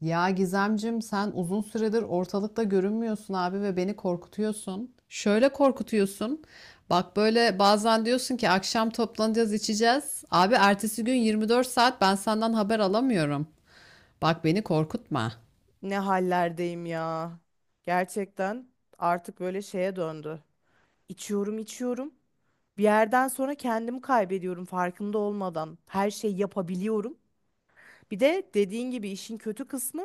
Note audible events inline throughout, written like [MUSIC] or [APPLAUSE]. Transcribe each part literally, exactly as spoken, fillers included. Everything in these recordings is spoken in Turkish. Ya Gizemcim sen uzun süredir ortalıkta görünmüyorsun abi ve beni korkutuyorsun. Şöyle korkutuyorsun. Bak böyle bazen diyorsun ki akşam toplanacağız içeceğiz. Abi ertesi gün yirmi dört saat ben senden haber alamıyorum. Bak beni korkutma. Ne hallerdeyim ya. Gerçekten artık böyle şeye döndü. İçiyorum, içiyorum. Bir yerden sonra kendimi kaybediyorum farkında olmadan. Her şeyi yapabiliyorum. Bir de dediğin gibi işin kötü kısmı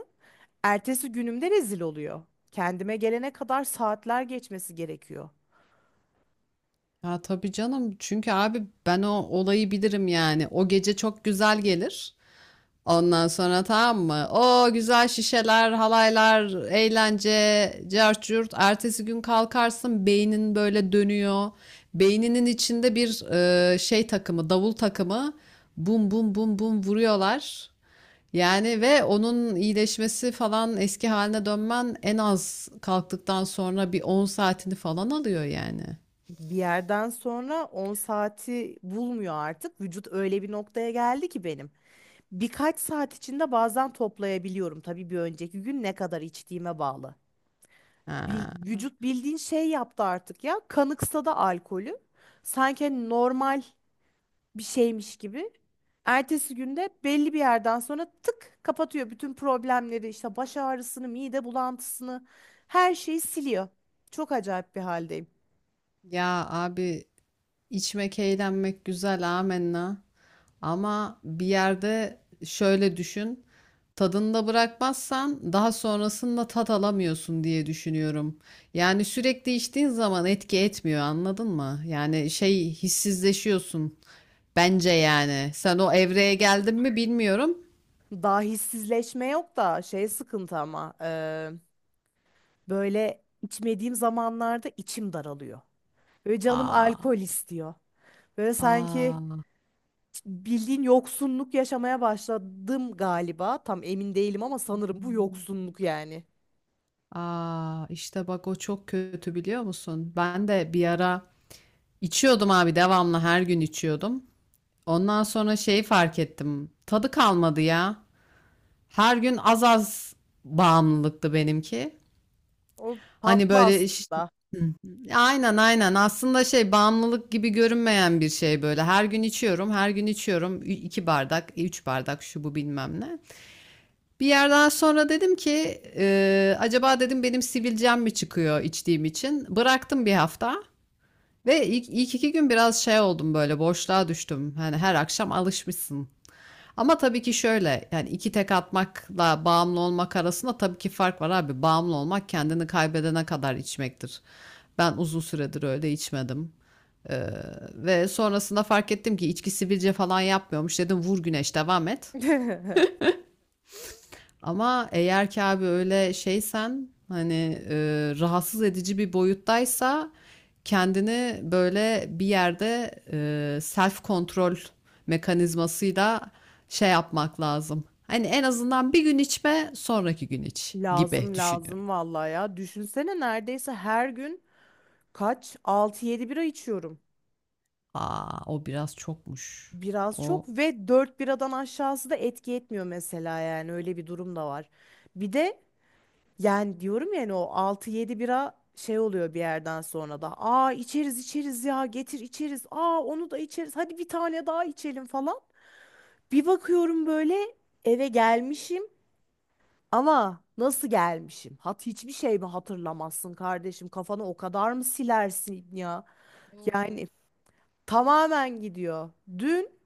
ertesi günümde rezil oluyor. Kendime gelene kadar saatler geçmesi gerekiyor. Ya tabii canım çünkü abi ben o olayı bilirim yani. O gece çok güzel gelir. Ondan sonra tamam mı? O güzel şişeler, halaylar, eğlence, cart curt. Ertesi gün kalkarsın beynin böyle dönüyor. Beyninin içinde bir e, şey takımı, davul takımı. Bum bum bum bum vuruyorlar. Yani ve onun iyileşmesi falan eski haline dönmen en az kalktıktan sonra bir on saatini falan alıyor yani. Bir yerden sonra on saati bulmuyor artık. Vücut öyle bir noktaya geldi ki benim. Birkaç saat içinde bazen toplayabiliyorum. Tabii bir önceki gün ne kadar içtiğime bağlı. Bil- Ha. Vücut bildiğin şey yaptı artık ya. Kanıksa alkolü. Sanki hani normal bir şeymiş gibi. Ertesi günde belli bir yerden sonra tık kapatıyor bütün problemleri işte baş ağrısını, mide bulantısını her şeyi siliyor. Çok acayip bir haldeyim. Ya abi, İçmek, eğlenmek güzel, amenna. Ama bir yerde şöyle düşün. Tadında bırakmazsan daha sonrasında tat alamıyorsun diye düşünüyorum. Yani sürekli içtiğin zaman etki etmiyor, anladın mı? Yani şey hissizleşiyorsun. Bence yani. Sen o evreye geldin mi bilmiyorum. Daha hissizleşme yok da şey sıkıntı ama eee, böyle içmediğim zamanlarda içim daralıyor. Böyle canım Aa, alkol istiyor. Böyle sanki aa, bildiğin yoksunluk yaşamaya başladım galiba. Tam emin değilim ama sanırım bu yoksunluk yani. aa. İşte bak o çok kötü biliyor musun? Ben de bir ara içiyordum abi devamlı her gün içiyordum. Ondan sonra şeyi fark ettim. Tadı kalmadı ya. Her gün az az bağımlılıktı benimki. O Hani tatlı böyle iş- aslında. hı. Aynen aynen. Aslında şey bağımlılık gibi görünmeyen bir şey böyle. Her gün içiyorum, her gün içiyorum. Ü- iki bardak, e, üç bardak şu bu bilmem ne. Bir yerden sonra dedim ki e, acaba dedim benim sivilcem mi çıkıyor içtiğim için? Bıraktım bir hafta ve ilk, ilk iki gün biraz şey oldum böyle boşluğa düştüm. Hani her akşam alışmışsın. Ama tabii ki şöyle yani iki tek atmakla bağımlı olmak arasında tabii ki fark var abi. Bağımlı olmak kendini kaybedene kadar içmektir. Ben uzun süredir öyle içmedim. Ee, ve sonrasında fark ettim ki içki sivilce falan yapmıyormuş. Dedim vur güneş devam et. [LAUGHS] Ama eğer ki abi öyle şeysen hani e, rahatsız edici bir boyuttaysa kendini böyle bir yerde e, self kontrol mekanizmasıyla şey yapmak lazım. Hani en azından bir gün içme, sonraki gün iç gibi Lazım düşünüyorum. lazım vallahi ya. Düşünsene neredeyse her gün kaç altı yedi bira içiyorum. Aa, o biraz çokmuş. Biraz O çok ve dört biradan aşağısı da etki etmiyor mesela yani öyle bir durum da var. Bir de Yani diyorum yani o altı yedi bira şey oluyor bir yerden sonra da. Aa içeriz içeriz ya getir içeriz. Aa onu da içeriz. Hadi bir tane daha içelim falan. Bir bakıyorum böyle eve gelmişim ama nasıl gelmişim? Hat hiçbir şey mi hatırlamazsın kardeşim? Kafanı o kadar mı silersin ya? oo. Yani tamamen gidiyor. Dün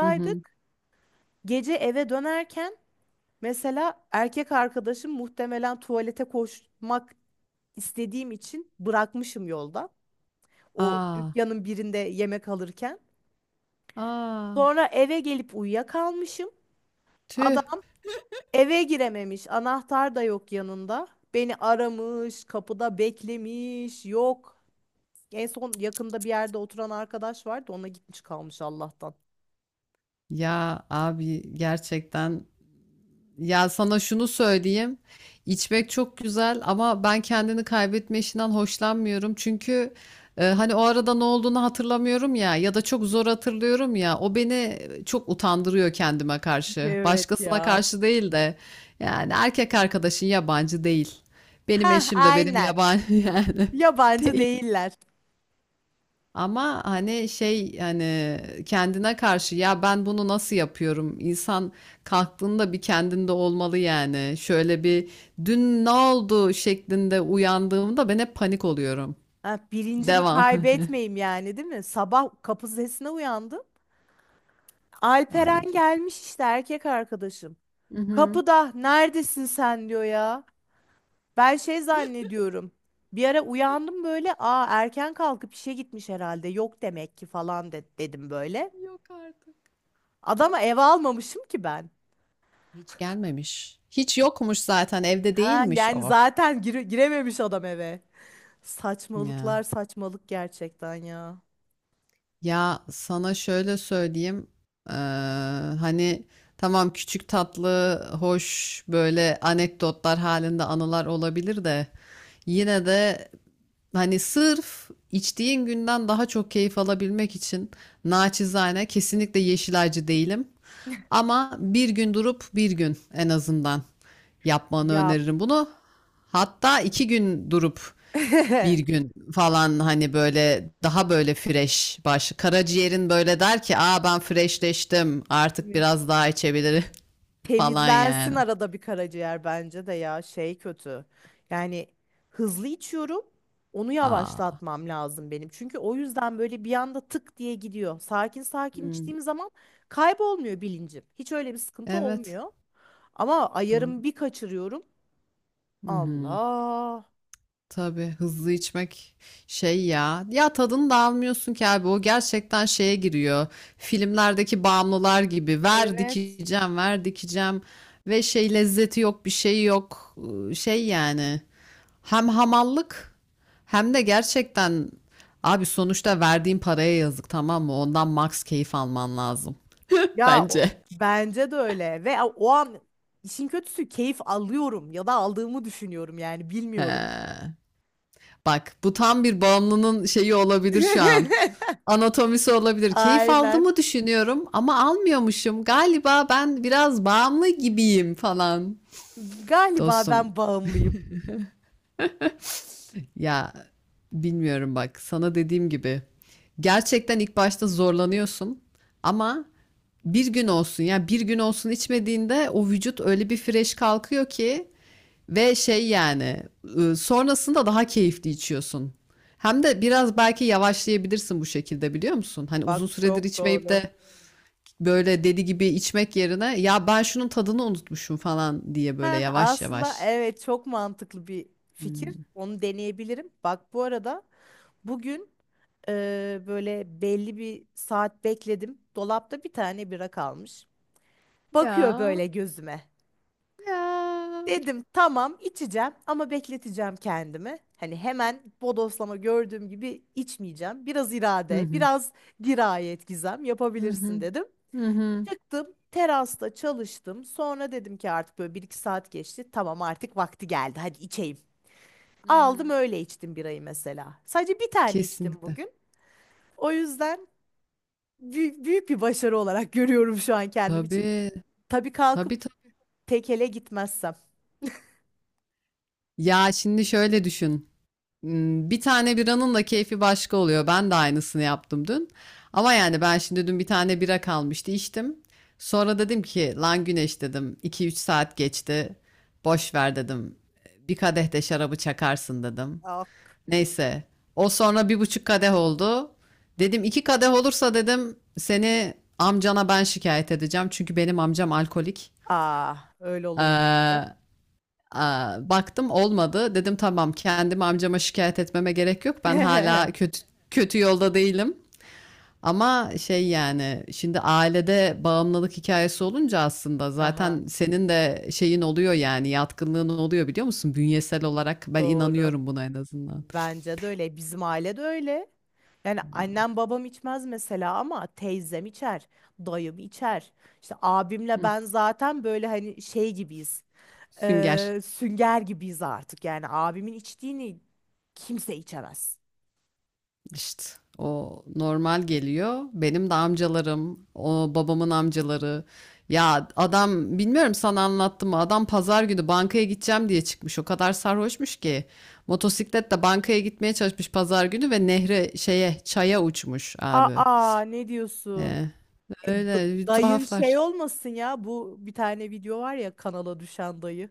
Hı hı. Gece eve dönerken mesela erkek arkadaşım muhtemelen tuvalete koşmak istediğim için bırakmışım yolda. O Aa, dükkanın birinde yemek alırken. aa, Sonra eve gelip uyuyakalmışım. tüh. Adam eve girememiş. Anahtar da yok yanında. Beni aramış, kapıda beklemiş. Yok. En son yakında bir yerde oturan arkadaş vardı. Ona gitmiş kalmış Allah'tan. Ya abi gerçekten, ya sana şunu söyleyeyim. İçmek çok güzel ama ben kendini kaybetme işinden hoşlanmıyorum. Çünkü e, hani o arada ne olduğunu hatırlamıyorum ya ya da çok zor hatırlıyorum ya. O beni çok utandırıyor kendime karşı. Evet Başkasına ya. karşı değil de yani erkek arkadaşın yabancı değil. Benim Heh, eşim de benim aynen. yabancı [LAUGHS] yani Yabancı değil. değiller. Ama hani şey hani kendine karşı ya ben bunu nasıl yapıyorum? İnsan kalktığında bir kendinde olmalı yani. Şöyle bir dün ne oldu şeklinde uyandığımda ben hep panik oluyorum. Ha, bilincimi Devam. kaybetmeyeyim yani değil mi? Sabah kapı sesine uyandım. [LAUGHS] Ay Alperen çok. gelmiş işte erkek arkadaşım. Hı hı. Kapıda neredesin sen diyor ya. Ben şey zannediyorum. Bir ara uyandım böyle. Aa erken kalkıp işe gitmiş herhalde. Yok demek ki falan de- dedim böyle. Yok artık. Adama eve almamışım ki ben. Hiç gelmemiş. Hiç yokmuş zaten evde Ha değilmiş yani o. zaten gire- girememiş adam eve. Saçmalıklar Ya. saçmalık gerçekten ya. Ya sana şöyle söyleyeyim. eee, hani tamam küçük tatlı, hoş böyle anekdotlar halinde anılar olabilir de yine de hani sırf içtiğin günden daha çok keyif alabilmek için naçizane kesinlikle yeşilacı değilim. Ama bir gün durup bir gün en azından yapmanı Ya. öneririm bunu. Hatta iki gün durup bir [LAUGHS] gün falan hani böyle daha böyle fresh baş. Karaciğerin böyle der ki aa ben freshleştim artık Evet. biraz daha içebilirim [LAUGHS] falan Temizlensin yani. arada bir karaciğer bence de ya şey kötü. Yani hızlı içiyorum. Onu Aa. yavaşlatmam lazım benim. Çünkü o yüzden böyle bir anda tık diye gidiyor. Sakin sakin Hmm, içtiğim zaman kaybolmuyor bilincim. Hiç öyle bir sıkıntı evet olmuyor. Ama doğru. ayarımı bir kaçırıyorum. Hı hı. Allah. Tabii hızlı içmek şey ya. Ya tadını da almıyorsun ki abi o gerçekten şeye giriyor. Filmlerdeki bağımlılar gibi ver Evet. dikeceğim ver dikeceğim ve şey lezzeti yok bir şey yok. Iı, şey yani. Hem hamallık hem de gerçekten abi sonuçta verdiğin paraya yazık tamam mı? Ondan max keyif alman lazım. [LAUGHS] Ya o- Bence. bence de öyle. Ve o an işin kötüsü keyif alıyorum ya da aldığımı düşünüyorum yani bilmiyorum. He. Bak bu tam bir bağımlının şeyi olabilir şu an. [LAUGHS] Anatomisi olabilir. Keyif Aynen. aldığımı düşünüyorum ama almıyormuşum. Galiba ben biraz bağımlı gibiyim falan. Galiba Dostum, ben bağımlıyım. ya bilmiyorum bak sana dediğim gibi gerçekten ilk başta zorlanıyorsun ama bir gün olsun ya bir gün olsun içmediğinde o vücut öyle bir fresh kalkıyor ki ve şey yani ıı, sonrasında daha keyifli içiyorsun. Hem de biraz belki yavaşlayabilirsin bu şekilde biliyor musun? Hani uzun Bak süredir çok içmeyip doğru. de böyle deli gibi içmek yerine ya ben şunun tadını unutmuşum falan diye böyle Heh, yavaş aslında yavaş. evet çok mantıklı bir fikir. Hmm. Onu deneyebilirim. Bak bu arada bugün e, böyle belli bir saat bekledim. Dolapta bir tane bira kalmış. Bakıyor Ya böyle gözüme. ya. Dedim tamam içeceğim ama bekleteceğim kendimi. Hani hemen bodoslama gördüğüm gibi içmeyeceğim. Biraz Hı irade, hı. biraz dirayet Gizem Hı yapabilirsin hı. dedim. Hı hı. Çıktım, terasta çalıştım. Sonra dedim ki artık böyle bir iki saat geçti. Tamam artık vakti geldi. Hadi içeyim. Hı Aldım hı. öyle içtim birayı mesela. Sadece bir tane içtim Kesinlikle. bugün. O yüzden büyük, büyük bir başarı olarak görüyorum şu an kendim için. Tabii, Tabii kalkıp tabii, tabii. tekele gitmezsem. Ya, şimdi şöyle düşün, ımm, bir tane biranın da keyfi başka oluyor. Ben de aynısını yaptım dün ama yani ben şimdi dün bir tane bira kalmıştı, içtim. Sonra dedim ki, "Lan Güneş," dedim, iki üç saat geçti. Boş ver," dedim, "bir kadeh de şarabı çakarsın," dedim. Ah, Neyse. O sonra bir buçuk kadeh oldu. Dedim iki kadeh olursa dedim seni amcana ben şikayet edeceğim. Çünkü benim amcam alkolik. aa, öyle olunca. Ee, aa, baktım olmadı. Dedim tamam kendim amcama şikayet etmeme gerek yok. Ben hala [LAUGHS] kötü kötü yolda değilim. Ama şey yani şimdi ailede bağımlılık hikayesi olunca aslında Aha, zaten senin de şeyin oluyor yani yatkınlığın oluyor biliyor musun? Bünyesel olarak ben doğru. inanıyorum buna en azından. Bence de öyle. Bizim aile de öyle. Yani annem babam içmez mesela ama teyzem içer, dayım içer. İşte abimle Hı, ben zaten böyle hani şey gibiyiz. sünger. Eee, sünger gibiyiz artık. Yani abimin içtiğini kimse içemez. İşte o normal geliyor. Benim de amcalarım, o babamın amcaları. Ya adam bilmiyorum sana anlattım mı? Adam pazar günü bankaya gideceğim diye çıkmış. O kadar sarhoşmuş ki. Motosikletle bankaya gitmeye çalışmış pazar günü ve nehre şeye çaya uçmuş abi. Aa ne diyorsun? Ee, E, da- öyle bir Dayın tuhaflar. şey olmasın ya. Bu bir tane video var ya kanala düşen dayı.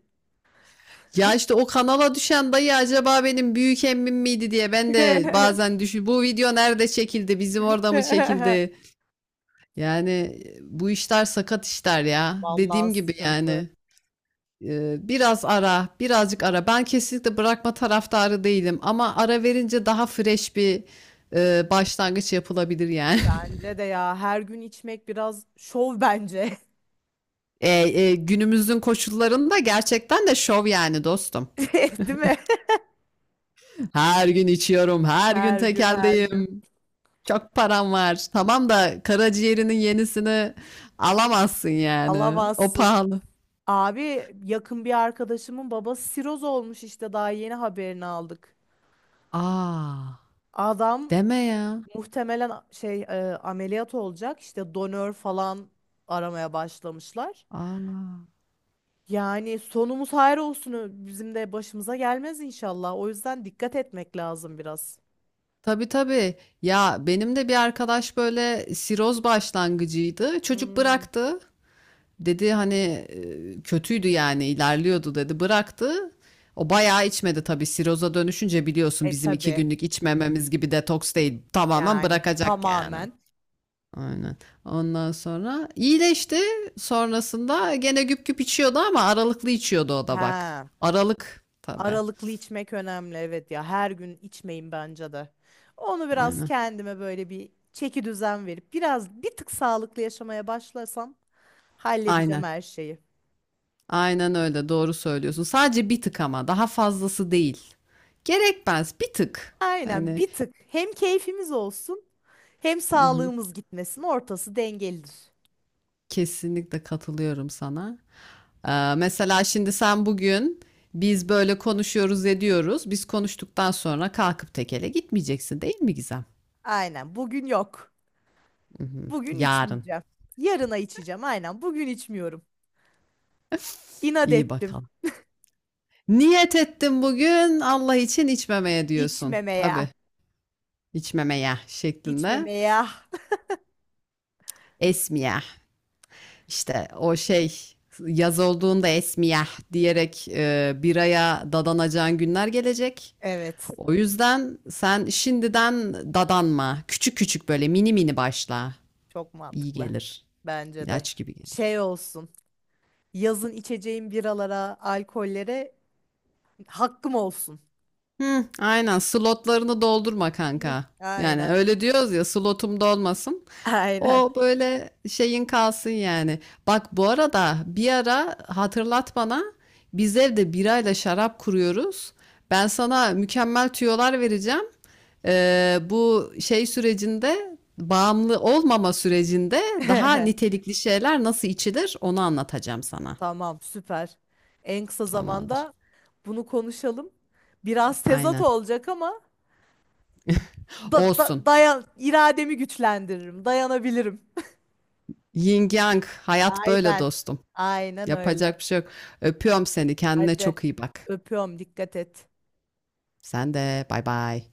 Ya işte o kanala düşen dayı acaba benim büyük emmim miydi diye ben de [LAUGHS] bazen düşün. Bu video nerede çekildi? Bizim orada mı çekildi? Yani e, bu işler sakat işler ya. Vallahi Dediğim gibi sıkıntı. yani e, biraz ara, birazcık ara. Ben kesinlikle bırakma taraftarı değilim ama ara verince daha fresh bir e, başlangıç yapılabilir yani. [LAUGHS] Bence de ya her gün içmek biraz şov bence. [LAUGHS] E, e, günümüzün koşullarında gerçekten de şov yani dostum. [LAUGHS] Değil mi? [LAUGHS] Her gün içiyorum, her gün Her gün her gün. tekeldeyim. Çok param var. Tamam da karaciğerinin yenisini alamazsın yani. O Alamazsın. pahalı. Abi yakın bir arkadaşımın babası siroz olmuş işte daha yeni haberini aldık. Aa, Adam deme ya. muhtemelen a- şey e, ameliyat olacak işte donör falan aramaya başlamışlar. Aa. Yani sonumuz hayır olsun ö- bizim de başımıza gelmez inşallah. O yüzden dikkat etmek lazım biraz. Tabii tabii. Ya benim de bir arkadaş böyle siroz başlangıcıydı. Çocuk Hmm. bıraktı. Dedi hani e, kötüydü yani ilerliyordu dedi. Bıraktı. O bayağı içmedi tabii. Siroza dönüşünce biliyorsun E bizim iki tabii günlük içmememiz gibi detoks değil. Tamamen yani bırakacak yani. tamamen. Aynen. Ondan sonra iyileşti. Sonrasında gene güp güp içiyordu ama aralıklı içiyordu o da bak. He. Aralık tabii. Aralıklı içmek önemli evet ya her gün içmeyin bence de. Onu biraz Aynen. kendime böyle bir çeki düzen verip biraz bir tık sağlıklı yaşamaya başlasam halledeceğim Aynen. her şeyi. Aynen öyle, doğru söylüyorsun. Sadece bir tık ama daha fazlası değil. Gerekmez, bir tık. Aynen Hani bir tık hem keyfimiz olsun hem hı hı, sağlığımız gitmesin ortası dengelidir. kesinlikle katılıyorum sana. Ee, mesela şimdi sen bugün biz böyle konuşuyoruz ediyoruz. Biz konuştuktan sonra kalkıp tekele gitmeyeceksin değil mi Gizem? Aynen bugün yok. Hı hı, Bugün yarın. içmeyeceğim. Yarına içeceğim aynen bugün içmiyorum. İnat İyi ettim bakalım. Niyet ettim bugün Allah için içmemeye diyorsun. içmemeye Tabii içmemeye şeklinde. içmemeye. Esmiye. İşte o şey yaz olduğunda esmiyah diyerek e, biraya dadanacağın günler gelecek. Evet O yüzden sen şimdiden dadanma. Küçük küçük böyle mini mini başla. çok İyi mantıklı gelir. bence de İlaç gibi şey gelir. olsun. Yazın içeceğim biralara, alkollere hakkım olsun. Hı, aynen slotlarını doldurma Hı, kanka. Yani aynen. öyle diyoruz ya slotum dolmasın. Aynen. O böyle şeyin kalsın yani. Bak bu arada bir ara hatırlat bana biz evde birayla şarap kuruyoruz. Ben sana mükemmel tüyolar vereceğim. Ee, bu şey sürecinde bağımlı olmama sürecinde daha [LAUGHS] nitelikli şeyler nasıl içilir onu anlatacağım sana. Tamam, süper. En kısa Tamamdır. zamanda bunu konuşalım. Biraz tezat Aynen. olacak ama da, Olsun. da- dayan irademi güçlendiririm, dayanabilirim. Yin Yang hayat böyle Aynen. dostum. Aynen öyle. Yapacak bir şey yok. Öpüyorum seni. Kendine Hadi çok iyi bak. öpüyorum, dikkat et. Sen de bay bay.